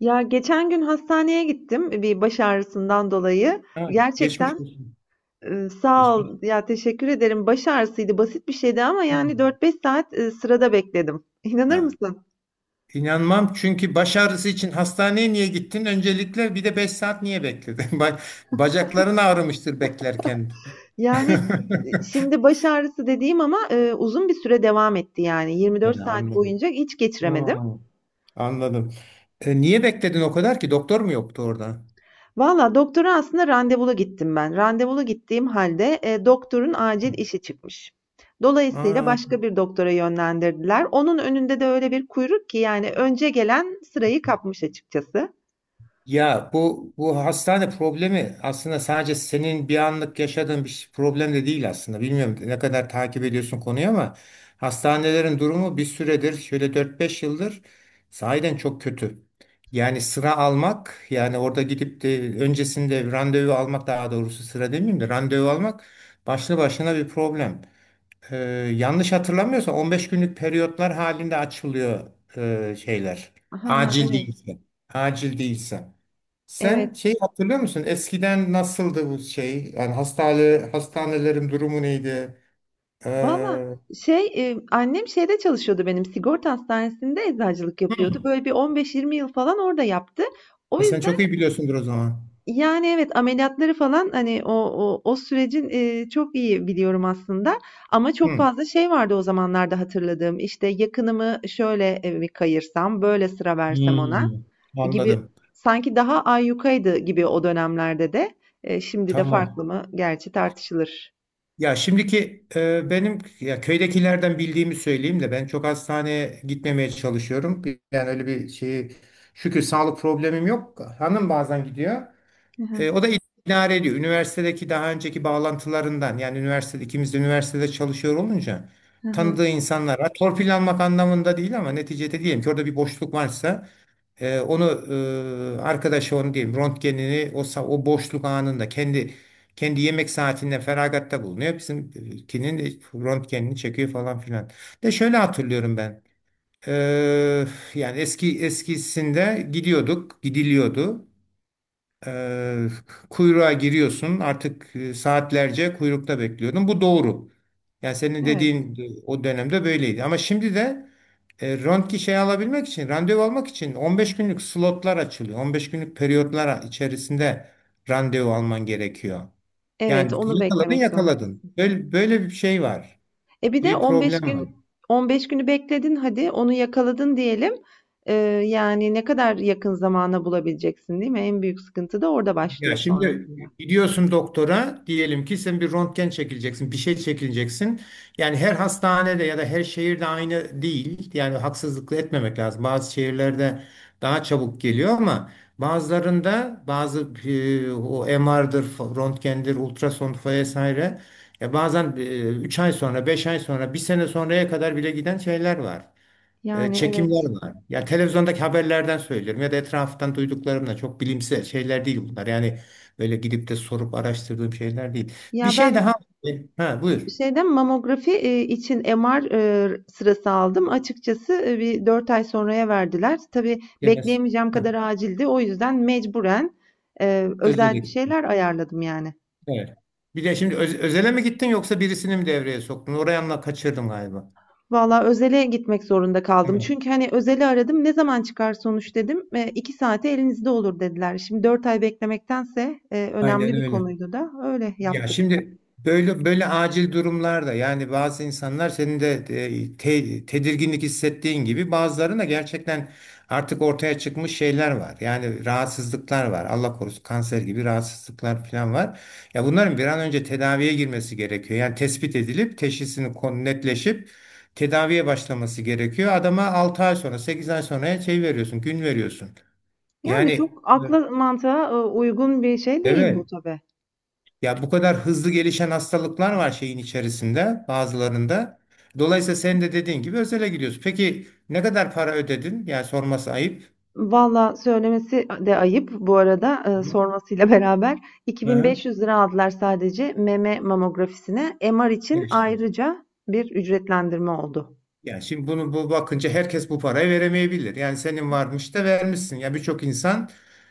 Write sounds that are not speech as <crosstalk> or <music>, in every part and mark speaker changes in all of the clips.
Speaker 1: Ya geçen gün hastaneye gittim bir baş ağrısından dolayı.
Speaker 2: Ha, geçmiş
Speaker 1: Gerçekten
Speaker 2: olsun.
Speaker 1: sağ
Speaker 2: Geçmiş.
Speaker 1: ol ya, teşekkür ederim. Baş ağrısıydı, basit bir şeydi ama
Speaker 2: Hı.
Speaker 1: yani 4-5 saat sırada bekledim. <laughs> İnanır
Speaker 2: Ha.
Speaker 1: mısın?
Speaker 2: İnanmam, çünkü baş ağrısı için hastaneye niye gittin? Öncelikle, bir de 5 saat niye bekledin? <laughs> Bacakların ağrımıştır beklerken.
Speaker 1: Yani
Speaker 2: <laughs>
Speaker 1: şimdi baş ağrısı dediğim ama uzun bir süre devam etti, yani 24
Speaker 2: Yani
Speaker 1: saat
Speaker 2: anladım.
Speaker 1: boyunca hiç
Speaker 2: Hı,
Speaker 1: geçiremedim.
Speaker 2: anladım. Niye bekledin o kadar ki? Doktor mu yoktu orada?
Speaker 1: Valla doktora aslında randevulu gittim ben. Randevulu gittiğim halde, doktorun
Speaker 2: Hı.
Speaker 1: acil işi çıkmış. Dolayısıyla
Speaker 2: Aa.
Speaker 1: başka bir doktora yönlendirdiler. Onun önünde de öyle bir kuyruk ki, yani önce gelen sırayı kapmış açıkçası.
Speaker 2: Ya bu hastane problemi aslında sadece senin bir anlık yaşadığın problem de değil aslında. Bilmiyorum ne kadar takip ediyorsun konuyu ama hastanelerin durumu bir süredir şöyle dört beş yıldır sahiden çok kötü. Yani sıra almak, yani orada gidip de öncesinde randevu almak, daha doğrusu sıra demeyeyim de randevu almak başlı başına bir problem. Ee, yanlış hatırlamıyorsam 15 günlük periyotlar halinde açılıyor şeyler.
Speaker 1: Ha,
Speaker 2: Acil
Speaker 1: evet,
Speaker 2: değilse. Acil değilse.
Speaker 1: evet.
Speaker 2: Sen şey hatırlıyor musun? Eskiden nasıldı bu şey? Yani hastanelerin durumu neydi?
Speaker 1: Valla
Speaker 2: Ee,
Speaker 1: şey, annem şeyde çalışıyordu benim, sigorta hastanesinde eczacılık yapıyordu.
Speaker 2: hı.
Speaker 1: Böyle bir 15-20 yıl falan orada yaptı. O
Speaker 2: Sen çok
Speaker 1: yüzden
Speaker 2: iyi biliyorsundur o zaman.
Speaker 1: yani, evet, ameliyatları falan, hani, o sürecin, çok iyi biliyorum aslında ama çok
Speaker 2: Hı.
Speaker 1: fazla şey vardı o zamanlarda hatırladığım. İşte, yakınımı şöyle, bir kayırsam, böyle sıra versem ona
Speaker 2: Hmm,
Speaker 1: gibi,
Speaker 2: anladım.
Speaker 1: sanki daha ayyukaydı gibi o dönemlerde de. Şimdi de
Speaker 2: Tamam.
Speaker 1: farklı mı? Gerçi tartışılır.
Speaker 2: Ya şimdiki benim, ya köydekilerden bildiğimi söyleyeyim de ben çok hastaneye gitmemeye çalışıyorum. Yani öyle bir şeyi, şükür, sağlık problemim yok. Hanım bazen gidiyor.
Speaker 1: Hı hı.
Speaker 2: O da idare ediyor. Üniversitedeki daha önceki bağlantılarından, yani üniversitede ikimiz de üniversitede çalışıyor olunca,
Speaker 1: Hı hı.
Speaker 2: tanıdığı insanlara torpil almak anlamında değil ama neticede diyelim ki orada bir boşluk varsa, onu arkadaşı onu diyeyim, röntgenini, o boşluk anında kendi yemek saatinde feragatta bulunuyor. Bizimkinin röntgenini çekiyor falan filan. De şöyle hatırlıyorum ben. Ee, yani eskisinde gidiyorduk, gidiliyordu. Ee, kuyruğa giriyorsun artık, saatlerce kuyrukta bekliyordun. Bu doğru. Yani senin
Speaker 1: Evet.
Speaker 2: dediğin, o dönemde böyleydi. Ama şimdi de, röntgen şey alabilmek için, randevu almak için 15 günlük slotlar açılıyor. 15 günlük periyotlar içerisinde randevu alman gerekiyor.
Speaker 1: Evet,
Speaker 2: Yani
Speaker 1: onu
Speaker 2: yakaladın
Speaker 1: beklemek
Speaker 2: yakaladın.
Speaker 1: zorundasın.
Speaker 2: Böyle, böyle bir şey var.
Speaker 1: Bir de
Speaker 2: Bir
Speaker 1: 15
Speaker 2: problem var.
Speaker 1: gün 15 günü bekledin hadi, onu yakaladın diyelim. Eee, Yani, ne kadar yakın zamana bulabileceksin, değil mi? En büyük sıkıntı da orada
Speaker 2: Ya
Speaker 1: başlıyor
Speaker 2: şimdi
Speaker 1: sonrasında.
Speaker 2: gidiyorsun doktora, diyelim ki sen bir röntgen çekileceksin, bir şey çekileceksin. Yani her hastanede ya da her şehirde aynı değil. Yani haksızlık etmemek lazım. Bazı şehirlerde daha çabuk geliyor ama bazılarında bazı, o MR'dır, röntgendir, ultrason vesaire. Ya bazen, 3 ay sonra, 5 ay sonra, bir sene sonraya kadar bile giden şeyler var,
Speaker 1: Yani evet.
Speaker 2: çekimler var. Ya televizyondaki haberlerden söylüyorum ya da etraftan duyduklarımla, çok bilimsel şeyler değil bunlar. Yani böyle gidip de sorup araştırdığım şeyler değil. Bir
Speaker 1: Ya
Speaker 2: şey
Speaker 1: ben
Speaker 2: daha. E, Ha, buyur.
Speaker 1: şeyden mamografi için MR sırası aldım. Açıkçası bir 4 ay sonraya verdiler. Tabii
Speaker 2: Yemez.
Speaker 1: bekleyemeyeceğim
Speaker 2: Ha,
Speaker 1: kadar acildi. O yüzden mecburen
Speaker 2: özele
Speaker 1: özel bir
Speaker 2: gittim.
Speaker 1: şeyler ayarladım yani.
Speaker 2: Evet. Bir de şimdi özele mi gittin yoksa birisini mi devreye soktun? Orayı anla kaçırdım galiba.
Speaker 1: Valla özele gitmek zorunda kaldım.
Speaker 2: Evet.
Speaker 1: Çünkü, hani, özeli aradım, "Ne zaman çıkar sonuç?" dedim. "2 saate elinizde olur." dediler. Şimdi 4 ay beklemektense,
Speaker 2: Aynen
Speaker 1: önemli bir
Speaker 2: öyle.
Speaker 1: konuydu da öyle
Speaker 2: Ya
Speaker 1: yaptık.
Speaker 2: şimdi böyle böyle acil durumlarda, yani bazı insanlar, senin de, tedirginlik hissettiğin gibi, bazılarında gerçekten artık ortaya çıkmış şeyler var. Yani rahatsızlıklar var. Allah korusun, kanser gibi rahatsızlıklar falan var. Ya bunların bir an önce tedaviye girmesi gerekiyor. Yani tespit edilip teşhisini netleşip tedaviye başlaması gerekiyor. Adama 6 ay sonra, 8 ay sonra şey veriyorsun, gün veriyorsun.
Speaker 1: Yani
Speaker 2: Yani.
Speaker 1: çok akla mantığa, uygun bir şey değil bu
Speaker 2: Evet.
Speaker 1: tabii.
Speaker 2: Ya bu kadar hızlı gelişen hastalıklar var şeyin içerisinde bazılarında. Dolayısıyla sen de dediğin gibi özele gidiyorsun. Peki ne kadar para ödedin? Yani sorması ayıp.
Speaker 1: Valla söylemesi de ayıp bu arada, sormasıyla <laughs> beraber iki
Speaker 2: Hı
Speaker 1: bin
Speaker 2: hı.
Speaker 1: beş yüz lira aldılar sadece meme mamografisine. MR için
Speaker 2: Geçti.
Speaker 1: ayrıca bir ücretlendirme oldu.
Speaker 2: Yani şimdi bu bakınca herkes bu parayı veremeyebilir. Yani senin varmış da vermişsin. Ya birçok insan,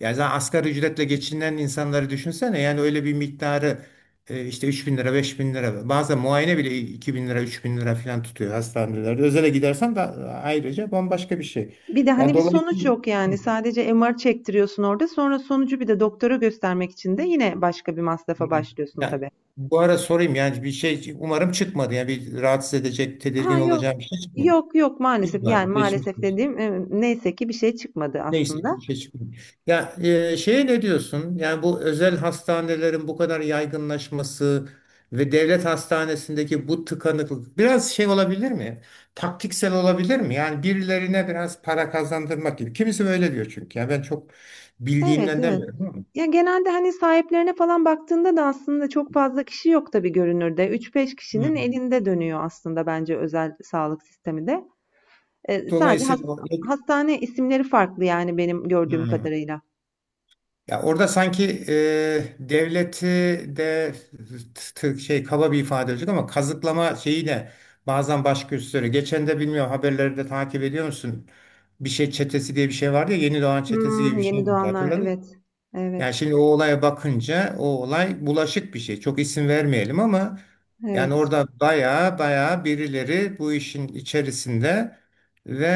Speaker 2: yani zaten asgari ücretle geçinen insanları düşünsene. Yani öyle bir miktarı, işte, 3 bin lira, 5 bin lira, bazen muayene bile 2 bin lira, 3 bin lira falan tutuyor hastanelerde. Özele gidersen de ayrıca bambaşka bir şey.
Speaker 1: Bir de
Speaker 2: Yani
Speaker 1: hani bir sonuç
Speaker 2: dolayısıyla.
Speaker 1: yok
Speaker 2: Hı,
Speaker 1: yani. Sadece MR çektiriyorsun orada. Sonra sonucu bir de doktora göstermek için de yine başka bir masrafa
Speaker 2: hı.
Speaker 1: başlıyorsun
Speaker 2: Yani
Speaker 1: tabii.
Speaker 2: bu ara sorayım, yani bir şey umarım çıkmadı. Yani bir rahatsız edecek,
Speaker 1: Ha,
Speaker 2: tedirgin
Speaker 1: yok.
Speaker 2: olacağım bir şey çıkmadı.
Speaker 1: Yok, yok, maalesef.
Speaker 2: İyi bari
Speaker 1: Yani
Speaker 2: geçmiş.
Speaker 1: maalesef dediğim, neyse ki bir şey çıkmadı
Speaker 2: Neyse ki
Speaker 1: aslında.
Speaker 2: işe çıkmıyor. Ya, şeye ne diyorsun? Yani bu özel hastanelerin bu kadar yaygınlaşması ve devlet hastanesindeki bu tıkanıklık biraz şey olabilir mi? Taktiksel olabilir mi? Yani birilerine biraz para kazandırmak gibi. Kimisi böyle diyor çünkü. Yani ben çok
Speaker 1: Evet,
Speaker 2: bildiğimden
Speaker 1: evet.
Speaker 2: demiyorum ama.
Speaker 1: Ya genelde hani sahiplerine falan baktığında da aslında çok fazla kişi yok tabii görünürde. Üç beş
Speaker 2: Hı.
Speaker 1: kişinin elinde dönüyor aslında bence özel sağlık sistemi de. Sadece
Speaker 2: Dolayısıyla
Speaker 1: hastane isimleri farklı yani, benim gördüğüm
Speaker 2: Hı.
Speaker 1: kadarıyla.
Speaker 2: Ya orada sanki, devleti de, şey, kaba bir ifade olacak ama, kazıklama şeyiyle bazen baş gösteriyor. Geçen de, bilmiyorum, haberleri de takip ediyor musun? Bir şey çetesi diye bir şey vardı ya, Yeni Doğan çetesi gibi
Speaker 1: Hımm,
Speaker 2: bir şey
Speaker 1: yeni
Speaker 2: miydi,
Speaker 1: doğanlar.
Speaker 2: hatırladın mı?
Speaker 1: Evet.
Speaker 2: Yani
Speaker 1: Evet.
Speaker 2: şimdi o olaya bakınca o olay bulaşık bir şey. Çok isim vermeyelim ama yani
Speaker 1: Evet.
Speaker 2: orada baya baya birileri bu işin içerisinde ve,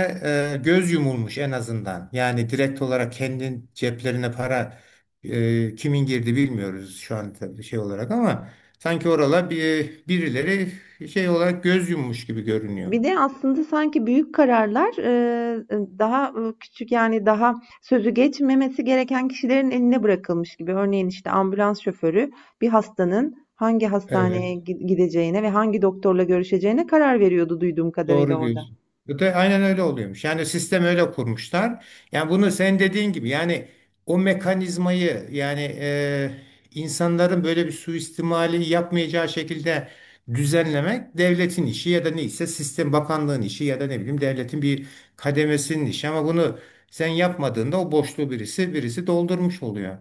Speaker 2: göz yumulmuş en azından. Yani direkt olarak kendi ceplerine para, kimin girdi bilmiyoruz şu an, tabii, şey olarak, ama sanki orala bir birileri şey olarak göz yummuş gibi görünüyor.
Speaker 1: Bir de aslında sanki büyük kararlar, daha, küçük, yani, daha sözü geçmemesi gereken kişilerin eline bırakılmış gibi. Örneğin, işte, ambulans şoförü bir hastanın hangi
Speaker 2: Evet.
Speaker 1: hastaneye gideceğine ve hangi doktorla görüşeceğine karar veriyordu duyduğum kadarıyla
Speaker 2: Doğru
Speaker 1: orada.
Speaker 2: diyorsun. Bu da aynen öyle oluyormuş. Yani sistem öyle kurmuşlar. Yani bunu sen dediğin gibi, yani o mekanizmayı, yani, insanların böyle bir suistimali yapmayacağı şekilde düzenlemek devletin işi, ya da neyse, sistem bakanlığın işi, ya da ne bileyim, devletin bir kademesinin işi, ama bunu sen yapmadığında o boşluğu birisi doldurmuş oluyor.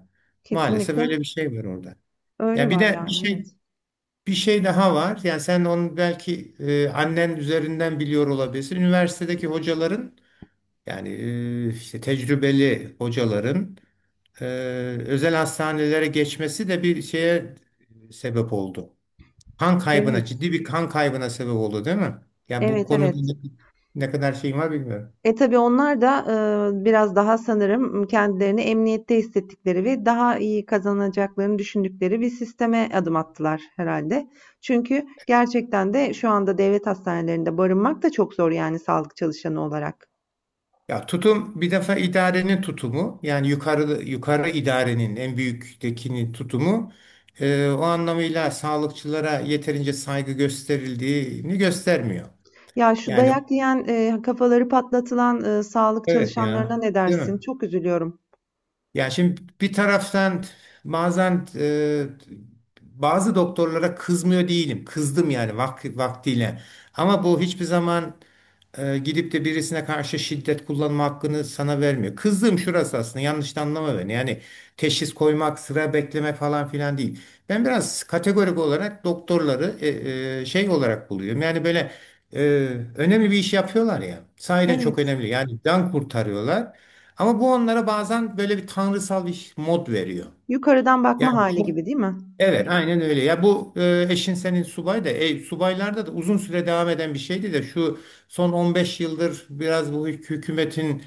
Speaker 2: Maalesef
Speaker 1: Kesinlikle
Speaker 2: böyle bir şey var orada.
Speaker 1: öyle
Speaker 2: Ya bir
Speaker 1: var,
Speaker 2: de bir
Speaker 1: yani,
Speaker 2: şey
Speaker 1: evet.
Speaker 2: bir şey daha var. Yani sen onu belki, annen üzerinden biliyor olabilirsin. Üniversitedeki hocaların, yani, işte tecrübeli hocaların, e, özel hastanelere geçmesi de bir şeye sebep oldu. Kan kaybına,
Speaker 1: Evet,
Speaker 2: ciddi bir kan kaybına sebep oldu, değil mi? Yani bu
Speaker 1: evet,
Speaker 2: konuda
Speaker 1: evet.
Speaker 2: ne kadar şeyin var bilmiyorum.
Speaker 1: Tabii onlar da, biraz daha sanırım kendilerini emniyette hissettikleri ve daha iyi kazanacaklarını düşündükleri bir sisteme adım attılar herhalde. Çünkü gerçekten de şu anda devlet hastanelerinde barınmak da çok zor yani, sağlık çalışanı olarak.
Speaker 2: Ya tutum, bir defa idarenin tutumu, yani yukarı yukarı idarenin en büyüktekinin tutumu, o anlamıyla sağlıkçılara yeterince saygı gösterildiğini göstermiyor.
Speaker 1: Ya, şu
Speaker 2: Yani
Speaker 1: dayak yiyen, kafaları patlatılan, sağlık
Speaker 2: evet ya,
Speaker 1: çalışanlarına ne
Speaker 2: değil
Speaker 1: dersin?
Speaker 2: mi?
Speaker 1: Çok üzülüyorum.
Speaker 2: Ya şimdi bir taraftan, bazen, bazı doktorlara kızmıyor değilim. Kızdım yani vaktiyle. Ama bu hiçbir zaman, gidip de birisine karşı şiddet kullanma hakkını sana vermiyor. Kızdığım şurası aslında, yanlış da anlama beni. Yani teşhis koymak, sıra bekleme falan filan değil. Ben biraz kategorik olarak doktorları, şey olarak buluyorum. Yani böyle, e, önemli bir iş yapıyorlar ya. Sahiden çok
Speaker 1: Evet,
Speaker 2: önemli. Yani can kurtarıyorlar. Ama bu onlara bazen böyle bir tanrısal bir mod veriyor.
Speaker 1: yukarıdan bakma
Speaker 2: Yani
Speaker 1: hali
Speaker 2: çok.
Speaker 1: gibi, değil mi?
Speaker 2: Evet, aynen öyle. Ya bu, eşin senin subay da, subaylarda da uzun süre devam eden bir şeydi, de şu son 15 yıldır biraz bu hükümetin,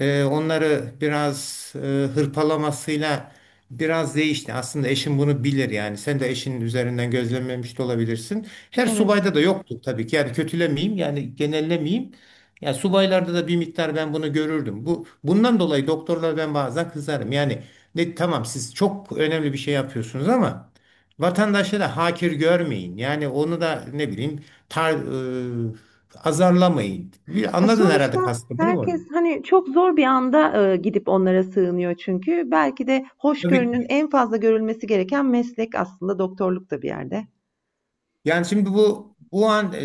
Speaker 2: onları biraz, hırpalamasıyla biraz değişti. Aslında eşin bunu bilir yani. Sen de eşinin üzerinden gözlemlemiş de olabilirsin. Her
Speaker 1: Evet.
Speaker 2: subayda da yoktu tabii ki. Yani kötülemeyeyim, yani genellemeyeyim. Ya subaylarda da bir miktar ben bunu görürdüm. Bundan dolayı doktorlara ben bazen kızarım. Yani, ne, tamam, siz çok önemli bir şey yapıyorsunuz ama vatandaşları hakir görmeyin. Yani onu da, ne bileyim, e, azarlamayın. Bir, anladın
Speaker 1: Sonuçta
Speaker 2: herhalde kastımı, değil mi orada?
Speaker 1: herkes hani çok zor bir anda, gidip onlara sığınıyor çünkü. Belki de
Speaker 2: Tabii ki.
Speaker 1: hoşgörünün en fazla görülmesi gereken meslek aslında doktorluk da, bir yerde.
Speaker 2: Yani şimdi bu an,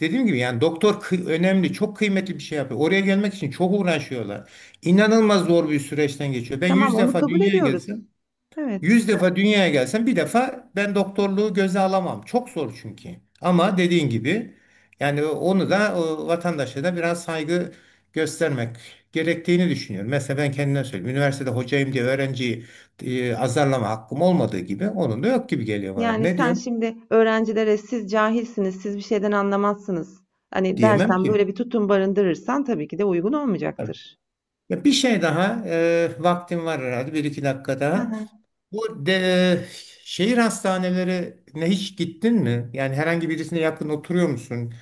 Speaker 2: dediğim gibi, yani doktor, önemli, çok kıymetli bir şey yapıyor. Oraya gelmek için çok uğraşıyorlar. İnanılmaz zor bir süreçten geçiyor. Ben
Speaker 1: Tamam,
Speaker 2: yüz
Speaker 1: onu
Speaker 2: defa
Speaker 1: kabul
Speaker 2: dünyaya
Speaker 1: ediyoruz.
Speaker 2: gelsem
Speaker 1: Evet.
Speaker 2: Yüz defa dünyaya gelsen bir defa ben doktorluğu göze alamam. Çok zor çünkü. Ama dediğin gibi yani onu da, o vatandaşa da biraz saygı göstermek gerektiğini düşünüyorum. Mesela ben kendime söyleyeyim. Üniversitede hocayım diye öğrenciyi, azarlama hakkım olmadığı gibi, onun da yok gibi geliyor bana.
Speaker 1: Yani
Speaker 2: Ne
Speaker 1: sen
Speaker 2: diyorum?
Speaker 1: şimdi öğrencilere "Siz cahilsiniz, siz bir şeyden anlamazsınız" hani
Speaker 2: Diyemem
Speaker 1: dersen,
Speaker 2: ki.
Speaker 1: böyle bir tutum barındırırsan tabii ki de uygun olmayacaktır.
Speaker 2: Ya bir şey daha, vaktim var herhalde, bir iki dakika daha. Bu de, şehir hastanelerine hiç gittin mi? Yani herhangi birisine yakın oturuyor musun?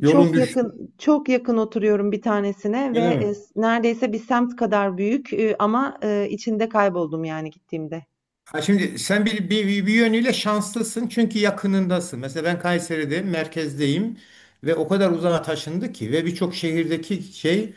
Speaker 2: Yolun
Speaker 1: Çok
Speaker 2: düştü mü?
Speaker 1: yakın, çok yakın oturuyorum bir tanesine
Speaker 2: Öyle
Speaker 1: ve,
Speaker 2: mi?
Speaker 1: s neredeyse bir semt kadar büyük, ama, içinde kayboldum yani gittiğimde.
Speaker 2: Ha, şimdi sen bir yönüyle şanslısın çünkü yakınındasın. Mesela ben Kayseri'de merkezdeyim ve o kadar uzağa taşındı ki, ve birçok şehirdeki şey,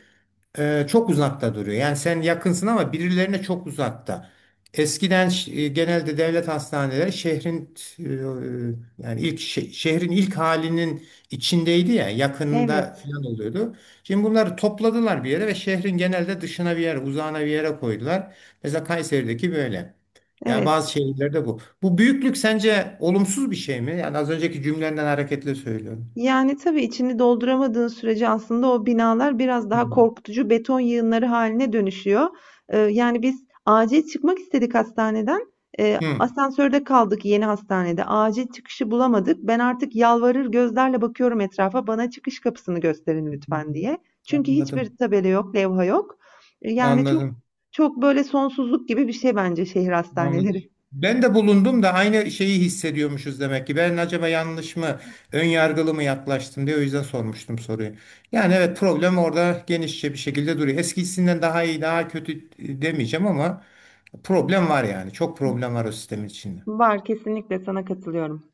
Speaker 2: çok uzakta duruyor. Yani sen yakınsın ama birilerine çok uzakta. Eskiden genelde devlet hastaneleri şehrin, yani ilk şehrin ilk halinin içindeydi ya, yakınında
Speaker 1: Evet,
Speaker 2: falan oluyordu. Şimdi bunları topladılar bir yere ve şehrin genelde dışına bir yere, uzağına bir yere koydular. Mesela Kayseri'deki böyle. Yani
Speaker 1: evet.
Speaker 2: bazı şehirlerde bu. Bu büyüklük sence olumsuz bir şey mi? Yani az önceki cümlenden hareketle söylüyorum.
Speaker 1: Yani, tabii içini dolduramadığın sürece aslında o binalar biraz
Speaker 2: Hı
Speaker 1: daha
Speaker 2: hı.
Speaker 1: korkutucu beton yığınları haline dönüşüyor. Yani, biz acil çıkmak istedik hastaneden. Asansörde kaldık yeni hastanede. Acil çıkışı bulamadık. Ben artık yalvarır gözlerle bakıyorum etrafa, "Bana çıkış kapısını gösterin lütfen." diye. Çünkü
Speaker 2: Anladım.
Speaker 1: hiçbir tabela yok, levha yok. Yani,
Speaker 2: Anladım.
Speaker 1: çok, böyle, sonsuzluk gibi bir şey bence şehir
Speaker 2: Anladım.
Speaker 1: hastaneleri.
Speaker 2: Ben de bulundum da aynı şeyi hissediyormuşuz demek ki. Ben acaba yanlış mı, ön yargılı mı yaklaştım diye o yüzden sormuştum soruyu. Yani evet, problem orada genişçe bir şekilde duruyor. Eskisinden daha iyi, daha kötü, demeyeceğim ama problem var yani. Çok problem var o sistemin içinde.
Speaker 1: Var, kesinlikle sana katılıyorum.